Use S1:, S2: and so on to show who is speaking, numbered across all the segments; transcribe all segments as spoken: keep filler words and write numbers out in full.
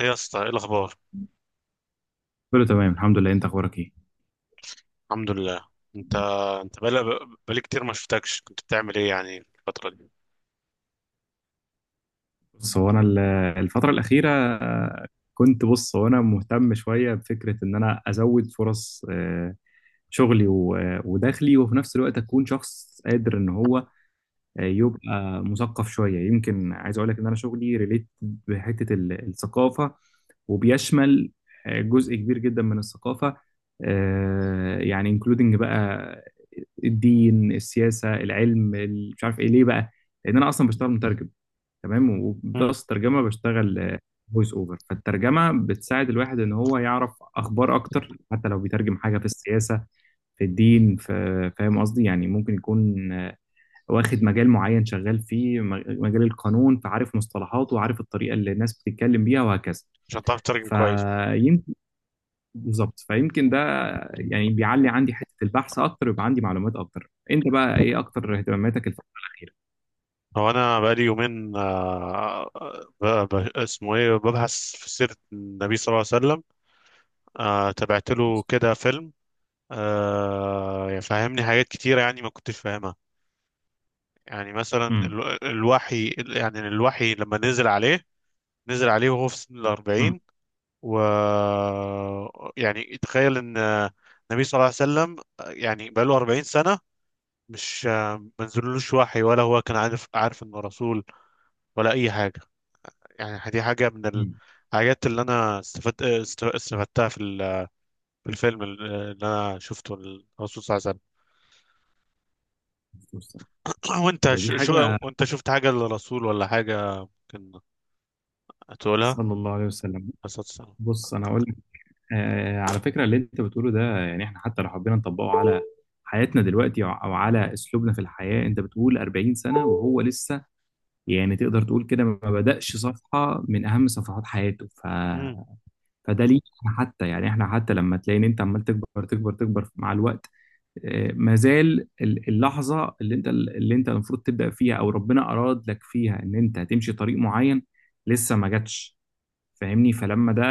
S1: ايه يا اسطى، ايه الاخبار؟
S2: كله تمام الحمد لله، انت اخبارك ايه؟
S1: الحمد لله. انت انت بقالي بقالي كتير ما شفتكش، كنت بتعمل ايه يعني الفتره دي؟
S2: بص هو انا ال- الفتره الاخيره آه، كنت بص هو انا مهتم شويه بفكره ان انا ازود فرص، آه، شغلي و- آه، ودخلي، وفي نفس الوقت اكون شخص قادر ان هو، آه، يبقى مثقف شويه. يمكن عايز اقول لك ان انا شغلي ريليت بحته ال- الثقافه، وبيشمل آه، جزء كبير جدا من الثقافه. آه، يعني انكلودنج بقى الدين، السياسه، العلم، ال- مش عارف ايه ليه بقى. لان انا اصلا بشتغل مترجم، تمام؟
S1: مم.
S2: وبلس الترجمه بشتغل فويس اوفر. فالترجمه بتساعد الواحد ان هو يعرف اخبار اكتر، حتى لو بيترجم حاجه في السياسه، في الدين، في... فاهم قصدي؟ يعني ممكن يكون آه، واخد مجال معين شغال فيه، م- مجال القانون، فعارف مصطلحاته وعارف الطريقه اللي الناس بتتكلم بيها، وهكذا.
S1: عشان تعرف تترجم كويس.
S2: فيمكن بالظبط. فيمكن ده يعني بيعلي عندي حته البحث اكتر ويبقى عندي معلومات اكتر. انت بقى ايه اكتر اهتماماتك الفتره الاخيره؟
S1: هو انا بقالي يومين، آه، آه، آه، ب... ب... اسمه ايه، ببحث في سيره النبي صلى الله عليه وسلم. آه... تابعت له كده فيلم. آه... يعني فهمني حاجات كتيره، يعني ما كنتش فاهمها. يعني مثلا
S2: امم.
S1: ال... الوحي، يعني الوحي لما نزل عليه، نزل عليه وهو في سن
S2: امم.
S1: الأربعين، و، يعني تخيل ان النبي صلى الله عليه وسلم يعني بقى له اربعين سنة، مش ما نزلوش وحي، ولا هو كان عارف عارف انه رسول، ولا اي حاجة. يعني دي حاجة من
S2: امم.
S1: الحاجات اللي انا استفدت است- استفدتها في ال- في الفيلم اللي انا شفته، الرسول صلى الله عليه وسلم. وانت،
S2: ده دي
S1: ش- شو
S2: حاجه.
S1: وانت شفت حاجة للرسول ولا حاجة؟ كان هتقولها عليه
S2: صلى الله عليه وسلم.
S1: الصلاة والسلام.
S2: بص انا هقول لك، آه على فكره اللي انت بتقوله ده، يعني احنا حتى لو حبينا نطبقه على حياتنا دلوقتي او أو على اسلوبنا في الحياه. انت بتقول أربعين سنه وهو لسه يعني تقدر تقول كده ما بدأش صفحه من اهم صفحات حياته. ف...
S1: امم.
S2: فده ليك. حتى يعني احنا حتى لما تلاقي ان انت عمال تكبر تكبر تكبر مع الوقت، آه ما زال ال- اللحظه اللي انت اللي انت المفروض تبدأ فيها او ربنا اراد لك فيها ان انت هتمشي طريق معين لسه ما جاتش. فاهمني؟ فلما ده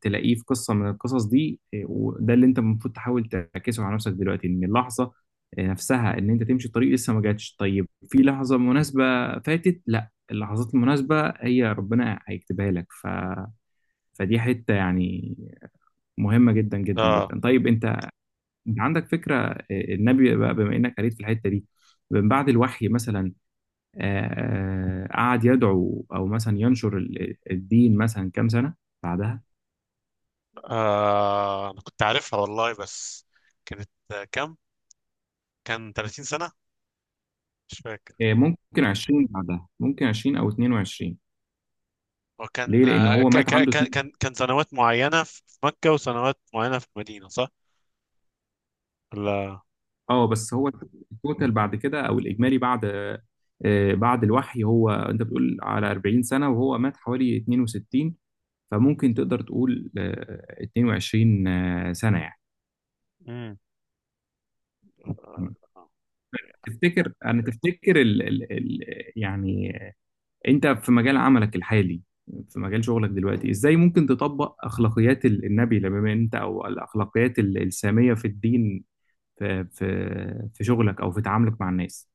S2: تلاقيه في قصه من القصص دي إيه، وده اللي انت المفروض تحاول تعكسه على نفسك دلوقتي، ان اللحظه آه، نفسها ان انت تمشي الطريق لسه ما جاتش. طيب في لحظه مناسبه فاتت؟ لا، اللحظات المناسبه هي ربنا هيكتبها لك. ف فدي حته يعني مهمه جدا جدا
S1: اه.
S2: جدا. طيب انت، انت عندك فكره إيه، النبي بقى بما انك قريت في الحته دي، من بعد الوحي مثلا آه، آه، قعد يدعو او مثلا ينشر ال- الدين مثلا كام سنه بعدها؟
S1: آه، انا كنت عارفها والله، بس كانت، كام؟ كان تلاتين سنة، مش فاكر.
S2: آه، ممكن عشرين، بعدها ممكن عشرين او اتنين وعشرين.
S1: هو كان،
S2: ليه؟ لان
S1: آه، ك-
S2: هو مات
S1: ك-
S2: عنده
S1: ك-
S2: اتنين...
S1: كان كان سنوات معينة في في مكة، وسنوات معينة في المدينة، صح؟ ولا.
S2: اه بس هو التوتال بعد كده او الاجمالي بعد، آه، بعد الوحي. هو انت بتقول على أربعين سنه وهو مات حوالي اتنين وستين، فممكن تقدر تقول آه، اتنين وعشرين آه، سنه يعني.
S1: امم.
S2: مم. تفتكر انا تفتكر ال ال ال يعني انت في مجال عملك الحالي، في مجال شغلك دلوقتي، ازاي ممكن تطبق اخلاقيات ال- النبي لما انت، او الاخلاقيات ال- الساميه في الدين، في في في شغلك او في تعاملك مع الناس؟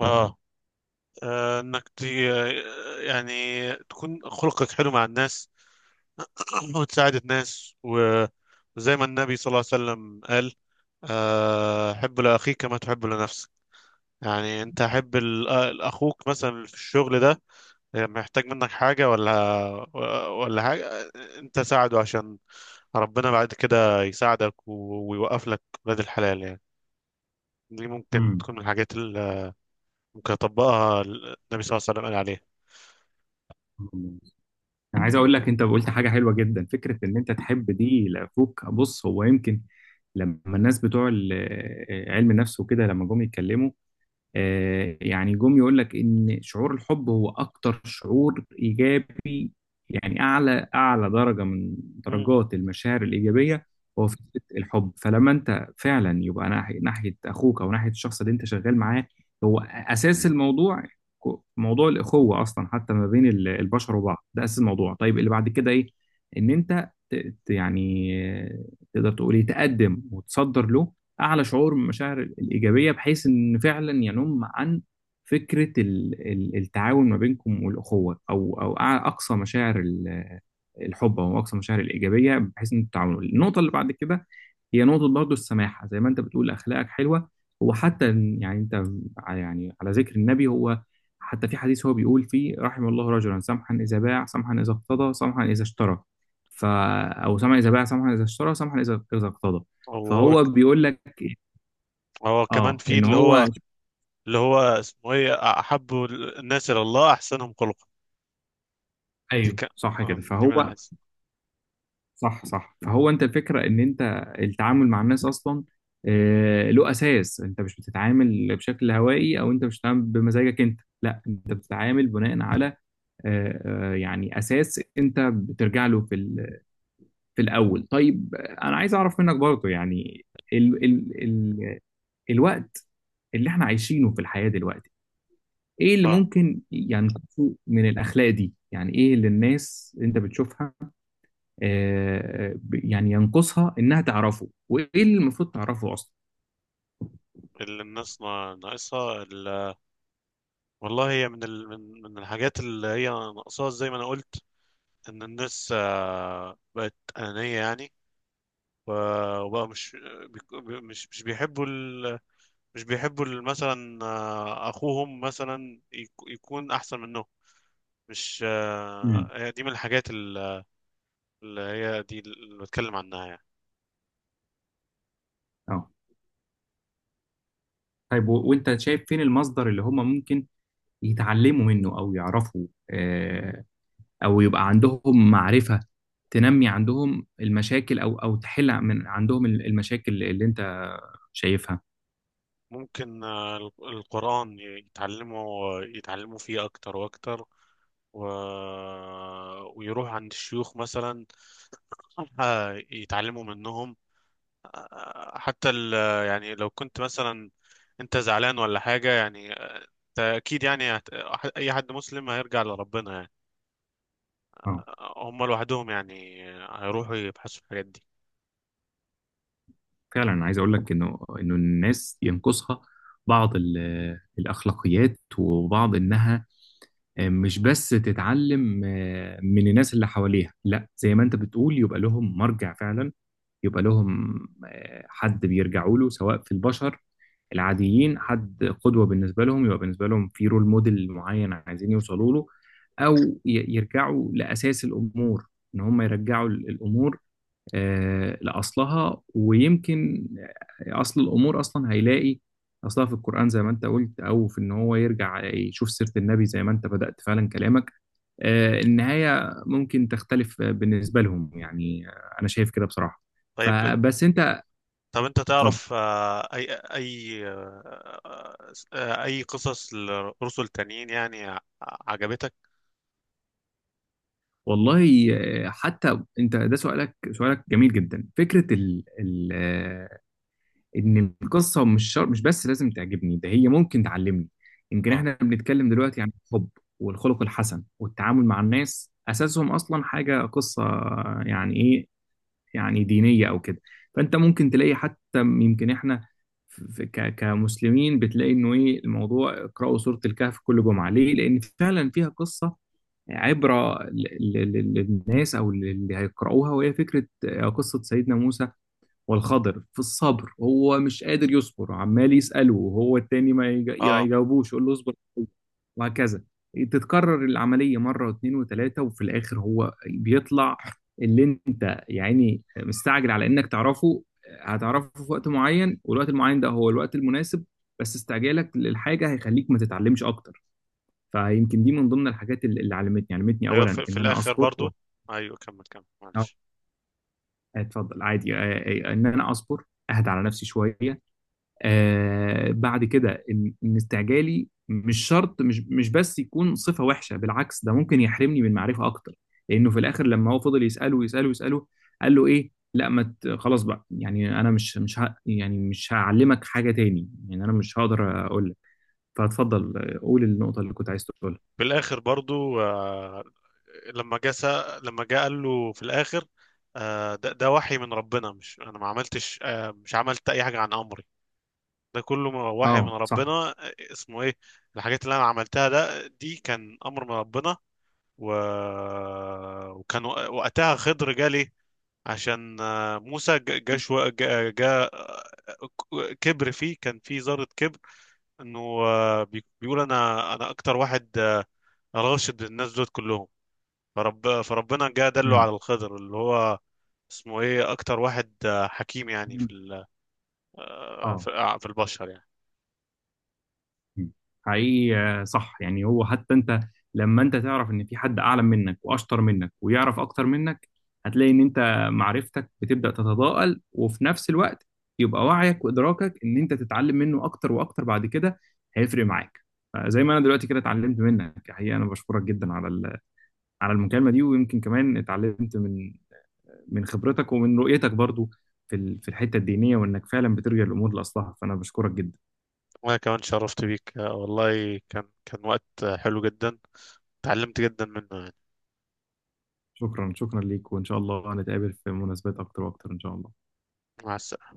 S1: اه. آه، انك تي، آه، يعني تكون خلقك حلو مع الناس. وتساعد الناس، و- وزي ما النبي صلى الله عليه وسلم قال: آه، حب لأخيك كما تحب لنفسك. يعني انت حب، ال- آه، اخوك مثلا في الشغل ده، آه، محتاج منك حاجة، ولا ولا حاجة، آه، انت ساعده، عشان ربنا بعد كده يساعدك، و- ويوقف لك ولاد الحلال، يعني. دي ممكن
S2: امم.
S1: تكون من الحاجات اللي ممكن يطبقها النبي صلى الله عليه وسلم، قال عليها.
S2: انا عايز اقول لك، انت قلت حاجه حلوه جدا، فكره ان انت تحب دي لاخوك. بص هو يمكن لما الناس بتوع ال- آه، علم النفس وكده لما جم يتكلموا، آه، يعني جم يقول لك ان شعور الحب هو اكتر شعور ايجابي، يعني اعلى اعلى درجه من
S1: امم.
S2: درجات المشاعر الايجابيه. هو فكره الحب، فلما انت فعلا يبقى ناحيه ناحيه اخوك او ناحيه الشخص اللي انت شغال معاه، هو اساس الموضوع. كو- موضوع الاخوه اصلا حتى ما بين ال- البشر وبعض، ده اساس الموضوع. طيب اللي بعد كده ايه؟ ان انت ت- ت- يعني آه، تقدر تقول ايه، تقدم وتصدر له اعلى شعور من المشاعر الايجابيه بحيث ان فعلا ينم عن فكره ال- ال- التعاون ما بينكم والاخوه، او او أع- اقصى مشاعر ال- الحب او اقصى مشاعر الايجابيه، بحيث ان التعاون. النقطه اللي بعد كده هي نقطه برضه السماحه. زي ما انت بتقول اخلاقك حلوه، وحتى إن- يعني انت ع- يعني على ذكر النبي، هو حتى في حديث هو بيقول فيه: رحم الله رجلا سمحا اذا باع، سمحا اذا اقتضى، سمحا اذا اشترى. ف او سمحا اذا باع، سمحا اذا اشترى، سمحا اذا اذا اقتضى.
S1: وهو،
S2: فهو بيقول لك إيه؟
S1: هو
S2: اه،
S1: كمان في
S2: ان
S1: اللي
S2: هو...
S1: هو، اللي هو اسمه ايه احب الناس الى الله احسنهم خلقا. دي
S2: ايوه
S1: ك...
S2: صح
S1: آه،
S2: كده.
S1: دي
S2: فهو
S1: من احس.
S2: صح صح فهو انت الفكره ان انت التعامل مع الناس اصلا، آه، له اساس. انت مش بتتعامل بشكل هوائي، او انت مش بتتعامل بمزاجك انت، لا، انت بتتعامل بناء على، آه، آه، يعني اساس انت بترجع له في ال- في الاول. طيب آه، انا عايز اعرف منك برضه يعني، ال ال ال الوقت اللي احنا عايشينه في الحياه دلوقتي، ايه اللي
S1: اه.
S2: ممكن يعني نشوفه من الاخلاق دي؟ يعني ايه اللي الناس انت بتشوفها آه ب- يعني ينقصها انها تعرفه، وايه اللي المفروض تعرفه اصلا؟
S1: اللي الناس نا- ناقصها، ال... والله، هي من، ال... من من الحاجات اللي هي ناقصاها زي ما انا قلت، ان الناس آه، بقت انانيه، يعني، و- وبقى مش، بيك- مش مش بيحبوا، مش بيحبوا ال- مثلا، آه، اخوهم مثلا يك- يكون احسن منهم. مش
S2: امم.
S1: آه، هي دي من الحاجات، ال- اللي هي دي اللي بتكلم عنها، يعني.
S2: اه. طيب و- وانت شايف فين المصدر اللي هم ممكن يتعلموا منه او يعرفوا، آه، او يبقى عندهم معرفة تنمي عندهم المشاكل او او تحل من عندهم ال- المشاكل اللي انت شايفها؟
S1: ممكن آه، ال- القرآن يتعلموا يتعلموا فيه اكتر واكتر، و... ويروح عند الشيوخ مثلا، آه، يتعلموا منهم، آه، حتى ال... يعني لو كنت مثلا انت زعلان ولا حاجة، يعني انت اكيد، يعني هت- اي حد مسلم هيرجع لربنا، يعني.
S2: اه.
S1: هم لوحدهم، يعني هيروحوا يبحثوا في الحاجات دي.
S2: فعلا انا عايز اقول لك، انه انه الناس ينقصها بعض ال- الاخلاقيات، وبعض انها مش بس تتعلم من الناس اللي حواليها، لا، زي ما انت بتقول يبقى لهم مرجع فعلا، يبقى لهم حد بيرجعوا له سواء في البشر العاديين، حد قدوة بالنسبة لهم، يبقى بالنسبة لهم في رول موديل معين عايزين يوصلوا له، او ي- يرجعوا لاساس الامور، ان هم يرجعوا الامور آه، لأصلها. ويمكن أصل الأمور أصلا هيلاقي أصلها في القرآن زي ما أنت قلت، أو في إن هو يرجع يشوف سيرة النبي زي ما أنت بدأت فعلا كلامك. آه، النهاية ممكن تختلف بالنسبة لهم يعني، آه، أنا شايف كده بصراحة.
S1: طيب انت،
S2: فبس أنت
S1: طب انت
S2: اتفضل.
S1: تعرف، آه، اي اي آه، آه، اي قصص لرسل تانيين، يعني ع- عجبتك؟
S2: والله آه، حتى أنت ده سؤالك، سؤالك جميل جدا. فكرة ال ال آه، ان القصه مش شر... مش بس لازم تعجبني، ده هي ممكن تعلمني. يمكن
S1: اه.
S2: احنا بنتكلم دلوقتي عن الحب والخلق الحسن والتعامل مع الناس، اساسهم اصلا حاجه قصه، يعني ايه، يعني دينيه او كده. فانت ممكن تلاقي حتى يمكن احنا في ك... كمسلمين، بتلاقي انه ايه الموضوع اقرأوا سورة الكهف كل جمعة. ليه؟ لان فعلا فيها قصة عبرة ل- ل- ل- للناس او اللي هيقرأوها. وهي فكرة آه، قصة سيدنا موسى والخضر في الصبر، هو مش قادر يصبر عمال يسأله، وهو التاني ما يجا- ما
S1: اه،
S2: يجاوبوش، يقول له اصبر وهكذا. تتكرر العملية مرة واثنين وثلاثة، وفي الآخر هو بيطلع اللي انت يعني مستعجل على انك تعرفه، هتعرفه في وقت معين، والوقت المعين ده هو الوقت المناسب. بس استعجالك للحاجة هيخليك ما تتعلمش أكتر. فيمكن دي من ضمن الحاجات اللي اللي علمتني علمتني
S1: ايوه،
S2: أولا
S1: في, في
S2: إن أنا
S1: الاخر
S2: أصبر و...
S1: برضو. ايوه، كمل كمل، معلش.
S2: اتفضل عادي. آه، آه، إن أنا أصبر، أهدى على نفسي شوية. آه بعد كده ان إن استعجالي مش شرط مش مش بس يكون صفة وحشة، بالعكس ده ممكن يحرمني من معرفة اكتر. لانه في الاخر لما هو فضل يسأله يسأله يسأله، قال له ايه، لا ما ت- خلاص بقى، يعني انا مش مش ه... يعني مش هعلمك حاجة تاني، يعني انا مش هقدر اقول لك. فاتفضل آه، قول النقطة اللي كنت عايز تقولها.
S1: في الاخر برضو، آه، لما جه سأ- لما جه قال له في الاخر، آه، ده, ده وحي من ربنا، مش انا ما عملتش، آه، مش عملت اي حاجه عن امر، ده كله م- وحي من
S2: اه صح.
S1: ربنا. اسمه ايه، الحاجات اللي انا عملتها ده دي كان امر من ربنا، و... وكان، وق- وقتها خضر جالي، عشان آه، موسى، ج- جا شو... جا... جا. كبر فيه، كان فيه ذرة كبر، انه آه، بي- بيقول انا انا اكتر واحد، آه، راشد الناس دول كلهم. فرب... فربنا جا دله على
S2: امم.
S1: الخضر، اللي هو اسمه ايه، اكتر واحد آه، حكيم، يعني في، ال... آه،
S2: اه
S1: في آه، في البشر، يعني.
S2: حقيقي. آه، صح يعني. هو حتى انت لما انت تعرف ان في حد اعلى منك واشطر منك ويعرف اكتر منك، هتلاقي ان انت معرفتك بتبدأ تتضاءل، وفي نفس الوقت يبقى وعيك وادراكك ان انت تتعلم منه اكتر واكتر بعد كده هيفرق معاك. فزي ما انا دلوقتي كده اتعلمت منك حقيقة، انا بشكرك جدا على ال- على المكالمة دي، ويمكن كمان اتعلمت من من خبرتك ومن رؤيتك برضو، في ال- في الحتة الدينية، وانك فعلا بترجع الامور لاصلها، فانا بشكرك جدا.
S1: وانا كمان شرفت بيك، آه، والله كان كان وقت آه، حلو جدا، اتعلمت جدا منه يعني.
S2: شكرا، شكرا ليك، وإن شاء الله نتقابل في مناسبات أكتر وأكتر إن شاء الله.
S1: مع السلامة.